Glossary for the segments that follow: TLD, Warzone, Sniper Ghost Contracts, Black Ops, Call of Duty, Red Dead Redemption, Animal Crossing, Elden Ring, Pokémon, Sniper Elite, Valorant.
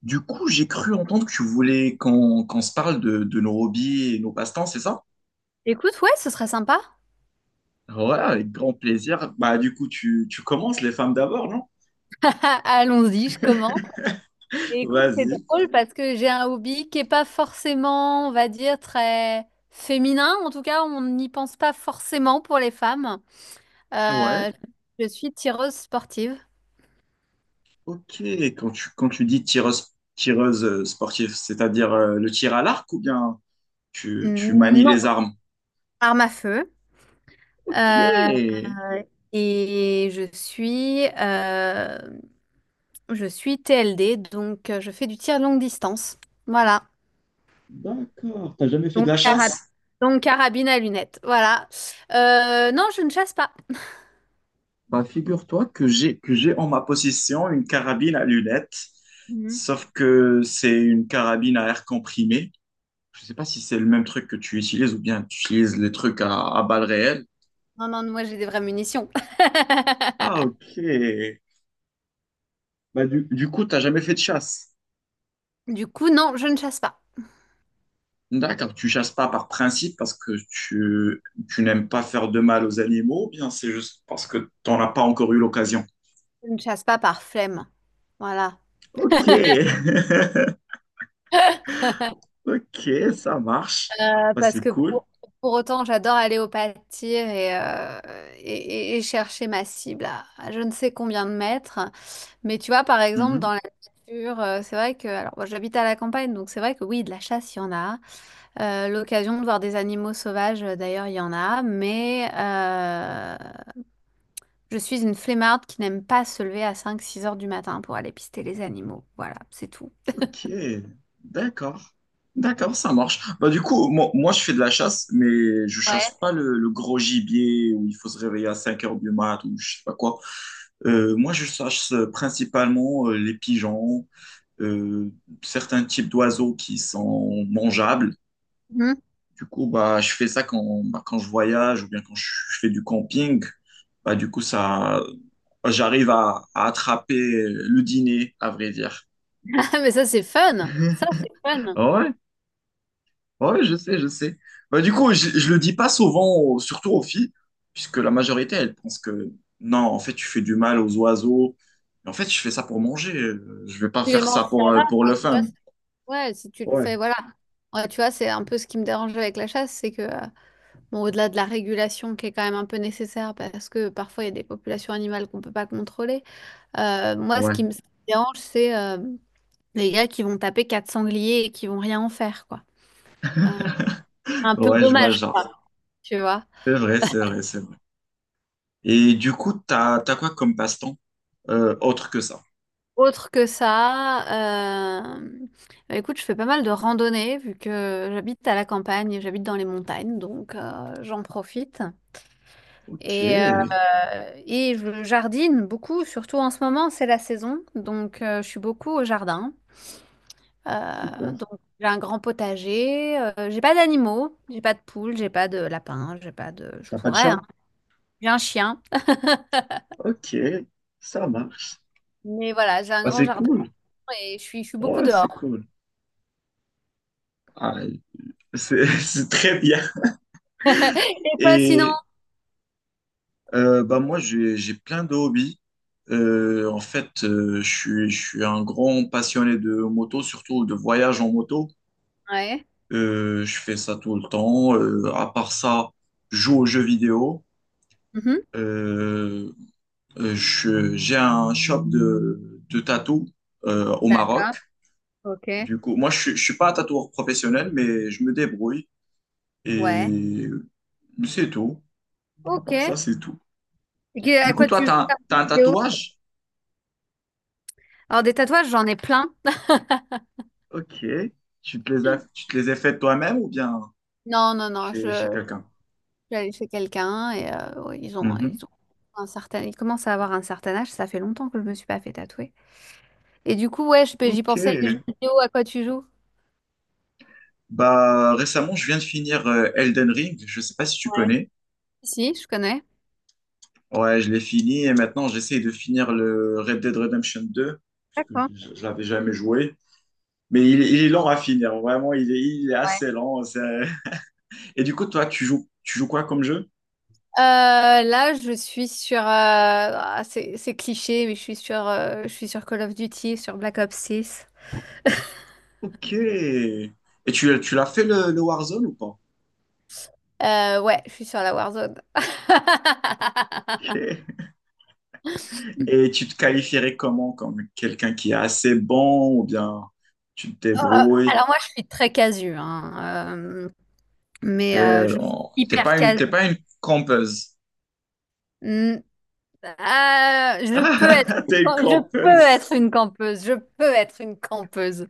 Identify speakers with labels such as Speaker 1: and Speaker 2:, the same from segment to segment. Speaker 1: Du coup, j'ai cru entendre que tu voulais qu'on se parle de nos hobbies et nos passe-temps, c'est ça?
Speaker 2: Écoute, ouais, ce serait sympa.
Speaker 1: Ouais, avec grand plaisir. Bah, du coup, tu commences les femmes d'abord, non?
Speaker 2: Allons-y, je commence. Et écoute, c'est
Speaker 1: Vas-y.
Speaker 2: drôle parce que j'ai un hobby qui est pas forcément, on va dire, très féminin. En tout cas, on n'y pense pas forcément pour les femmes.
Speaker 1: Ouais.
Speaker 2: Euh, je suis tireuse sportive.
Speaker 1: Ok. Quand tu dis tireuse, tireuse sportive, c'est-à-dire le tir à l'arc ou bien tu manies
Speaker 2: Non,
Speaker 1: les armes?
Speaker 2: arme à feu.
Speaker 1: Ok.
Speaker 2: Euh, et je suis, euh, je suis TLD, donc je fais du tir longue distance. Voilà.
Speaker 1: D'accord. T'as jamais fait de
Speaker 2: Donc,
Speaker 1: la
Speaker 2: carab-
Speaker 1: chasse?
Speaker 2: donc, carabine à lunettes. Voilà. Non, je ne chasse pas.
Speaker 1: Bah, figure-toi que j'ai en ma possession une carabine à lunettes,
Speaker 2: Mhm.
Speaker 1: sauf que c'est une carabine à air comprimé. Je sais pas si c'est le même truc que tu utilises ou bien tu utilises les trucs à balles réelles.
Speaker 2: Non, non, moi j'ai des vraies munitions.
Speaker 1: Ah, ok. Bah, du coup, t'as jamais fait de chasse.
Speaker 2: Du coup, non, je ne chasse pas.
Speaker 1: D'accord, tu chasses pas par principe parce que tu n'aimes pas faire de mal aux animaux, ou bien c'est juste parce que t'en as pas encore eu l'occasion.
Speaker 2: Je ne chasse pas par flemme. Voilà.
Speaker 1: Ok, ok, ça marche. Bah,
Speaker 2: Parce
Speaker 1: c'est
Speaker 2: que
Speaker 1: cool.
Speaker 2: pour autant, j'adore aller au pâtir et et chercher ma cible à je ne sais combien de mètres. Mais tu vois, par exemple, dans
Speaker 1: Mhm.
Speaker 2: la nature, c'est vrai que... Alors, moi, j'habite à la campagne, donc c'est vrai que oui, de la chasse, il y en a. L'occasion de voir des animaux sauvages, d'ailleurs, il y en a, mais je suis une flemmarde qui n'aime pas se lever à cinq six heures du matin pour aller pister les animaux. Voilà, c'est tout.
Speaker 1: Ok, d'accord. D'accord, ça marche. Bah, du coup, moi, je fais de la chasse, mais je chasse
Speaker 2: Ouais.
Speaker 1: pas le gros gibier où il faut se réveiller à 5 heures du mat ou je sais pas quoi. Moi, je chasse principalement les pigeons, euh, certains types d'oiseaux qui sont mangeables.
Speaker 2: Mmh.
Speaker 1: Du coup, bah, je fais ça quand, bah, quand je voyage ou bien quand je fais du camping. Bah, du coup, ça, j'arrive à attraper le dîner, à vrai dire.
Speaker 2: Ah mais ça, c'est fun! Ça, c'est fun!
Speaker 1: Ouais, ouais, je sais. Bah, du coup, je le dis pas souvent, surtout aux filles, puisque la majorité, elles pensent que non, en fait, tu fais du mal aux oiseaux. Mais en fait, je fais ça pour manger. Je vais pas
Speaker 2: Tu les
Speaker 1: faire
Speaker 2: manges,
Speaker 1: ça
Speaker 2: ça va,
Speaker 1: pour le
Speaker 2: enfin, tu vois?
Speaker 1: fun.
Speaker 2: C'est ouais, si tu le
Speaker 1: Ouais.
Speaker 2: fais, voilà. Ouais, tu vois, c'est un peu ce qui me dérange avec la chasse, c'est que, bon, au-delà de la régulation qui est quand même un peu nécessaire parce que, parfois, il y a des populations animales qu'on peut pas contrôler. Moi,
Speaker 1: Ouais,
Speaker 2: ce qui me dérange, c'est, hem des gars qui vont taper quatre sangliers et qui vont rien en faire, quoi. Euh, un peu
Speaker 1: ouais, je vois le
Speaker 2: dommage, quoi,
Speaker 1: genre.
Speaker 2: tu vois.
Speaker 1: C'est vrai, c'est vrai, c'est vrai. Et du coup, t'as quoi comme passe-temps autre que ça?
Speaker 2: Autre que ça, bah, écoute, je fais pas mal de randonnées vu que j'habite à la campagne, et j'habite dans les montagnes, donc j'en profite.
Speaker 1: Ok,
Speaker 2: Et, et je jardine beaucoup, surtout en ce moment, c'est la saison, donc je suis beaucoup au jardin.
Speaker 1: super.
Speaker 2: Donc j'ai un grand potager, j'ai pas d'animaux, j'ai pas de poules, j'ai pas de lapins, j'ai pas de... Je
Speaker 1: T'as pas de
Speaker 2: pourrais,
Speaker 1: chat?
Speaker 2: hein. J'ai un chien.
Speaker 1: Ok, ça marche.
Speaker 2: Mais voilà, j'ai un
Speaker 1: Bah,
Speaker 2: grand
Speaker 1: c'est
Speaker 2: jardin
Speaker 1: cool.
Speaker 2: et je suis beaucoup
Speaker 1: Ouais, c'est
Speaker 2: dehors.
Speaker 1: cool. Ah, c'est c'est très bien.
Speaker 2: Et toi, sinon?
Speaker 1: Et bah moi, j'ai plein de hobbies. En fait, je suis un grand passionné de moto, surtout de voyage en moto.
Speaker 2: Ouais.
Speaker 1: Je fais ça tout le temps. À part ça, je joue aux jeux vidéo.
Speaker 2: Mhm.
Speaker 1: Euh, j'ai un shop de tatou au
Speaker 2: D'accord.
Speaker 1: Maroc.
Speaker 2: Ok.
Speaker 1: Du coup, je suis pas un tatoueur professionnel, mais je me débrouille.
Speaker 2: Ouais.
Speaker 1: Et c'est tout. À
Speaker 2: Ok.
Speaker 1: part
Speaker 2: Et
Speaker 1: ça, c'est tout.
Speaker 2: à
Speaker 1: Du coup,
Speaker 2: quoi
Speaker 1: toi,
Speaker 2: tu
Speaker 1: tu
Speaker 2: joues
Speaker 1: as, un t'as
Speaker 2: comme
Speaker 1: un
Speaker 2: vidéo?
Speaker 1: tatouage?
Speaker 2: Alors, des tatouages, j'en ai plein.
Speaker 1: Ok. Tu te les as faites toi-même ou bien
Speaker 2: Non, non, non.
Speaker 1: chez, chez
Speaker 2: Je
Speaker 1: quelqu'un?
Speaker 2: suis allée chez quelqu'un et ouais,
Speaker 1: Mhm.
Speaker 2: ils ont un certain, ils commencent à avoir un certain âge. Ça fait longtemps que je me suis pas fait tatouer. Et du coup, ouais, j'y
Speaker 1: Ok.
Speaker 2: pensais, les jeux vidéo, à quoi tu joues?
Speaker 1: Bah, récemment, je viens de finir Elden Ring. Je sais pas si tu
Speaker 2: Ouais.
Speaker 1: connais.
Speaker 2: Si, je connais.
Speaker 1: Ouais, je l'ai fini et maintenant j'essaye de finir le Red Dead Redemption deux parce que
Speaker 2: D'accord.
Speaker 1: je l'avais jamais joué. Mais il est lent à finir. Vraiment, il est assez lent. Et du coup, toi, tu joues quoi comme jeu?
Speaker 2: Là, je suis sur. Ah, c'est cliché, mais je suis sur Call of Duty, sur Black Ops six.
Speaker 1: Ok. Et tu l'as fait le Warzone ou pas?
Speaker 2: Ouais, je suis sur la Warzone.
Speaker 1: Ok. Et tu te qualifierais comment? Comme quelqu'un qui est assez bon ou bien tu te
Speaker 2: Euh,
Speaker 1: débrouilles?
Speaker 2: alors moi, je suis très casu, hein, mais
Speaker 1: T'es,
Speaker 2: je suis
Speaker 1: oh,
Speaker 2: hyper
Speaker 1: t'es
Speaker 2: casu.
Speaker 1: pas une campeuse.
Speaker 2: Mm. Euh, je peux être,
Speaker 1: Ah, t'es une
Speaker 2: je peux être
Speaker 1: campeuse.
Speaker 2: une campeuse. Je peux être une campeuse.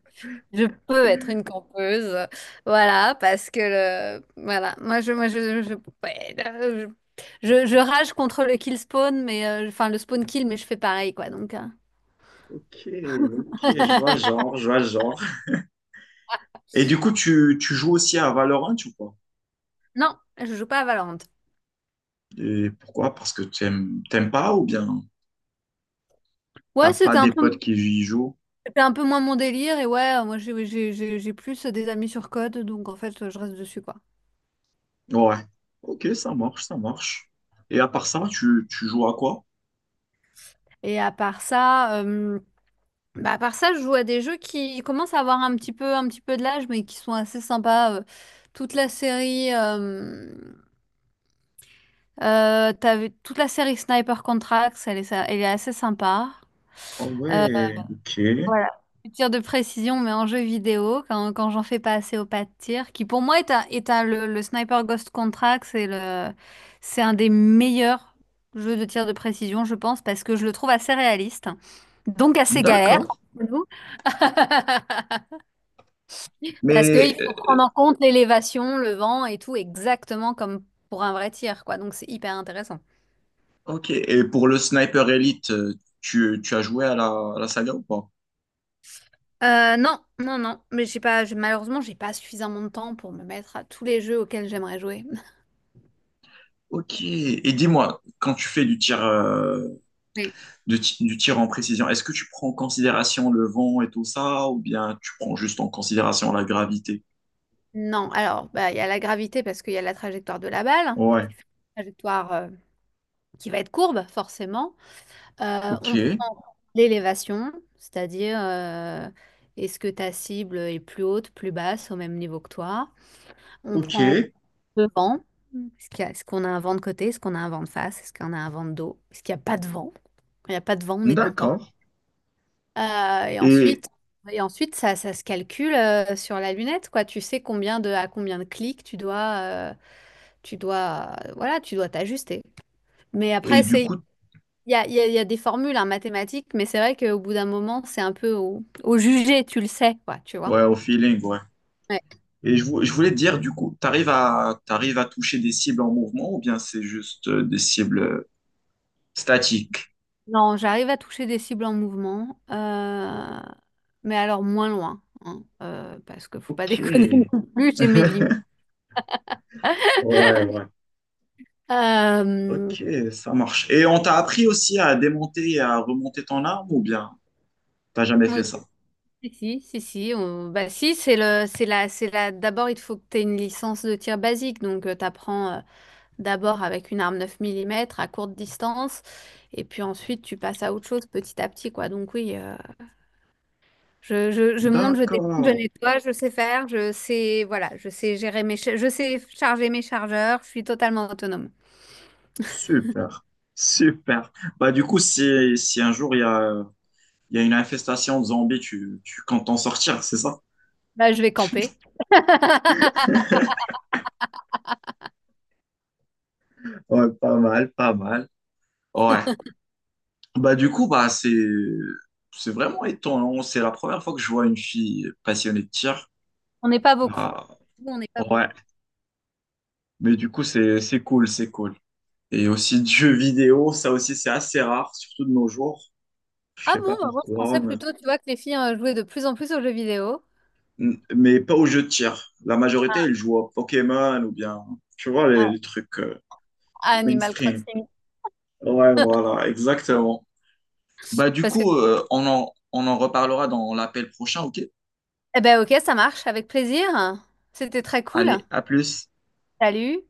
Speaker 2: Je peux être une campeuse. Voilà, parce que voilà, moi je, ouais, je rage contre le kill spawn, mais enfin le spawn kill, mais je fais pareil quoi.
Speaker 1: Ok, ok, je vois le genre, je vois le genre. Et du coup, tu joues aussi à Valorant ou pas?
Speaker 2: Non, je joue pas à Valorant.
Speaker 1: Et pourquoi? Parce que t'aimes pas ou bien t'as
Speaker 2: Ouais,
Speaker 1: pas
Speaker 2: c'était un
Speaker 1: des
Speaker 2: peu,
Speaker 1: potes qui y jouent?
Speaker 2: C'était un peu moins mon délire et ouais, moi j'ai plus des amis sur code, donc en fait je reste dessus quoi.
Speaker 1: Ouais. Ok, ça marche. Et à part ça, tu joues à quoi?
Speaker 2: Et à part ça. Bah, à part ça, je joue à des jeux qui commencent à avoir un petit peu de l'âge, mais qui sont assez sympas. Toute la série, euh, Toute la série Sniper Contracts, elle est assez sympa.
Speaker 1: Ah
Speaker 2: Euh,
Speaker 1: ouais, ok.
Speaker 2: voilà. Du tir de précision, mais en jeu vidéo, quand j'en fais pas assez au pas de tir, qui pour moi est le Sniper Ghost Contracts, c'est un des meilleurs jeux de tir de précision, je pense, parce que je le trouve assez réaliste, donc assez galère
Speaker 1: D'accord.
Speaker 2: entre nous. Parce qu'il
Speaker 1: Mais
Speaker 2: faut prendre en compte l'élévation, le vent et tout, exactement comme pour un vrai tir, quoi. Donc c'est hyper intéressant.
Speaker 1: ok, et pour le Sniper Elite, tu as joué à à la saga ou pas?
Speaker 2: Non, non, non. Mais j'ai pas, malheureusement, j'ai pas suffisamment de temps pour me mettre à tous les jeux auxquels j'aimerais jouer.
Speaker 1: Ok, et dis-moi, quand tu fais du tir,
Speaker 2: Oui.
Speaker 1: du tir en précision, est-ce que tu prends en considération le vent et tout ça, ou bien tu prends juste en considération la gravité?
Speaker 2: Non, alors, bah, il y a la gravité parce qu'il y a la trajectoire de la balle,
Speaker 1: Ouais,
Speaker 2: qui fait une trajectoire qui va être courbe, forcément. On
Speaker 1: ok,
Speaker 2: prend l'élévation, c'est-à-dire est-ce que ta cible est plus haute, plus basse, au même niveau que toi. On
Speaker 1: ok,
Speaker 2: prend en devant. Est-ce qu'on a un vent de côté? Est-ce qu'on a un vent de face? Est-ce qu'on a un vent de dos? Est-ce qu'il n'y a pas de vent? Quand il n'y a pas de vent, on est content.
Speaker 1: d'accord.
Speaker 2: Euh, et
Speaker 1: Et,
Speaker 2: ensuite, et ensuite ça, ça se calcule sur la lunette, quoi. Tu sais à combien de clics tu dois, voilà, tu dois t'ajuster. Mais
Speaker 1: et
Speaker 2: après,
Speaker 1: du
Speaker 2: c'est,
Speaker 1: coup,
Speaker 2: il y a des formules en mathématiques, mais c'est vrai qu'au bout d'un moment, c'est un peu au jugé, tu le sais, quoi, tu vois.
Speaker 1: ouais, au feeling, ouais. Et je voulais te dire, du coup, t'arrives à toucher des cibles en mouvement, ou bien c'est juste des cibles statiques?
Speaker 2: Non, j'arrive à toucher des cibles en mouvement, mais alors moins loin, hein, parce que faut pas
Speaker 1: Ok.
Speaker 2: déconner
Speaker 1: Ouais,
Speaker 2: non plus, j'ai mes limites.
Speaker 1: ouais.
Speaker 2: Euh,
Speaker 1: Ok, ça marche. Et on t'a appris aussi à démonter et à remonter ton arme ou bien t'as jamais fait
Speaker 2: oui,
Speaker 1: ça?
Speaker 2: si, Si, bah, si, c'est la, d'abord, il faut que tu aies une licence de tir basique, donc tu apprends d'abord avec une arme 9 mm à courte distance, et puis ensuite tu passes à autre chose petit à petit, quoi. Donc oui, je, je monte, je descends, je
Speaker 1: D'accord,
Speaker 2: nettoie, je sais faire, je sais, voilà, je sais gérer je sais charger mes chargeurs, je suis totalement autonome.
Speaker 1: super, super. Bah du coup, si un jour il y a une infestation de zombies, tu comptes t'en sortir, c'est ça?
Speaker 2: Là, je vais camper.
Speaker 1: Ouais, pas mal, pas mal. Ouais. Bah du coup, c'est vraiment étonnant. C'est la première fois que je vois une fille passionnée de tir.
Speaker 2: On n'est pas beaucoup.
Speaker 1: Bah,
Speaker 2: Nous, on n'est pas beaucoup.
Speaker 1: ouais. Mais du coup, c'est cool, c'est cool. Et aussi de jeux vidéo, ça aussi c'est assez rare, surtout de nos jours. Je
Speaker 2: Ah
Speaker 1: sais
Speaker 2: bon,
Speaker 1: pas
Speaker 2: bah moi, je pensais
Speaker 1: pourquoi,
Speaker 2: plutôt, tu vois, que les filles jouaient de plus en plus aux jeux vidéo,
Speaker 1: mais, mais pas aux jeux de tir. La
Speaker 2: à,
Speaker 1: majorité, ils jouent à Pokémon ou bien, tu vois,
Speaker 2: à-
Speaker 1: les trucs
Speaker 2: à Animal
Speaker 1: mainstream.
Speaker 2: Crossing.
Speaker 1: Ouais, voilà, exactement. Bah du
Speaker 2: Parce que,
Speaker 1: coup, on en reparlera dans l'appel prochain, ok?
Speaker 2: eh ben ok, ça marche, avec plaisir. C'était très cool.
Speaker 1: Allez, à plus.
Speaker 2: Salut.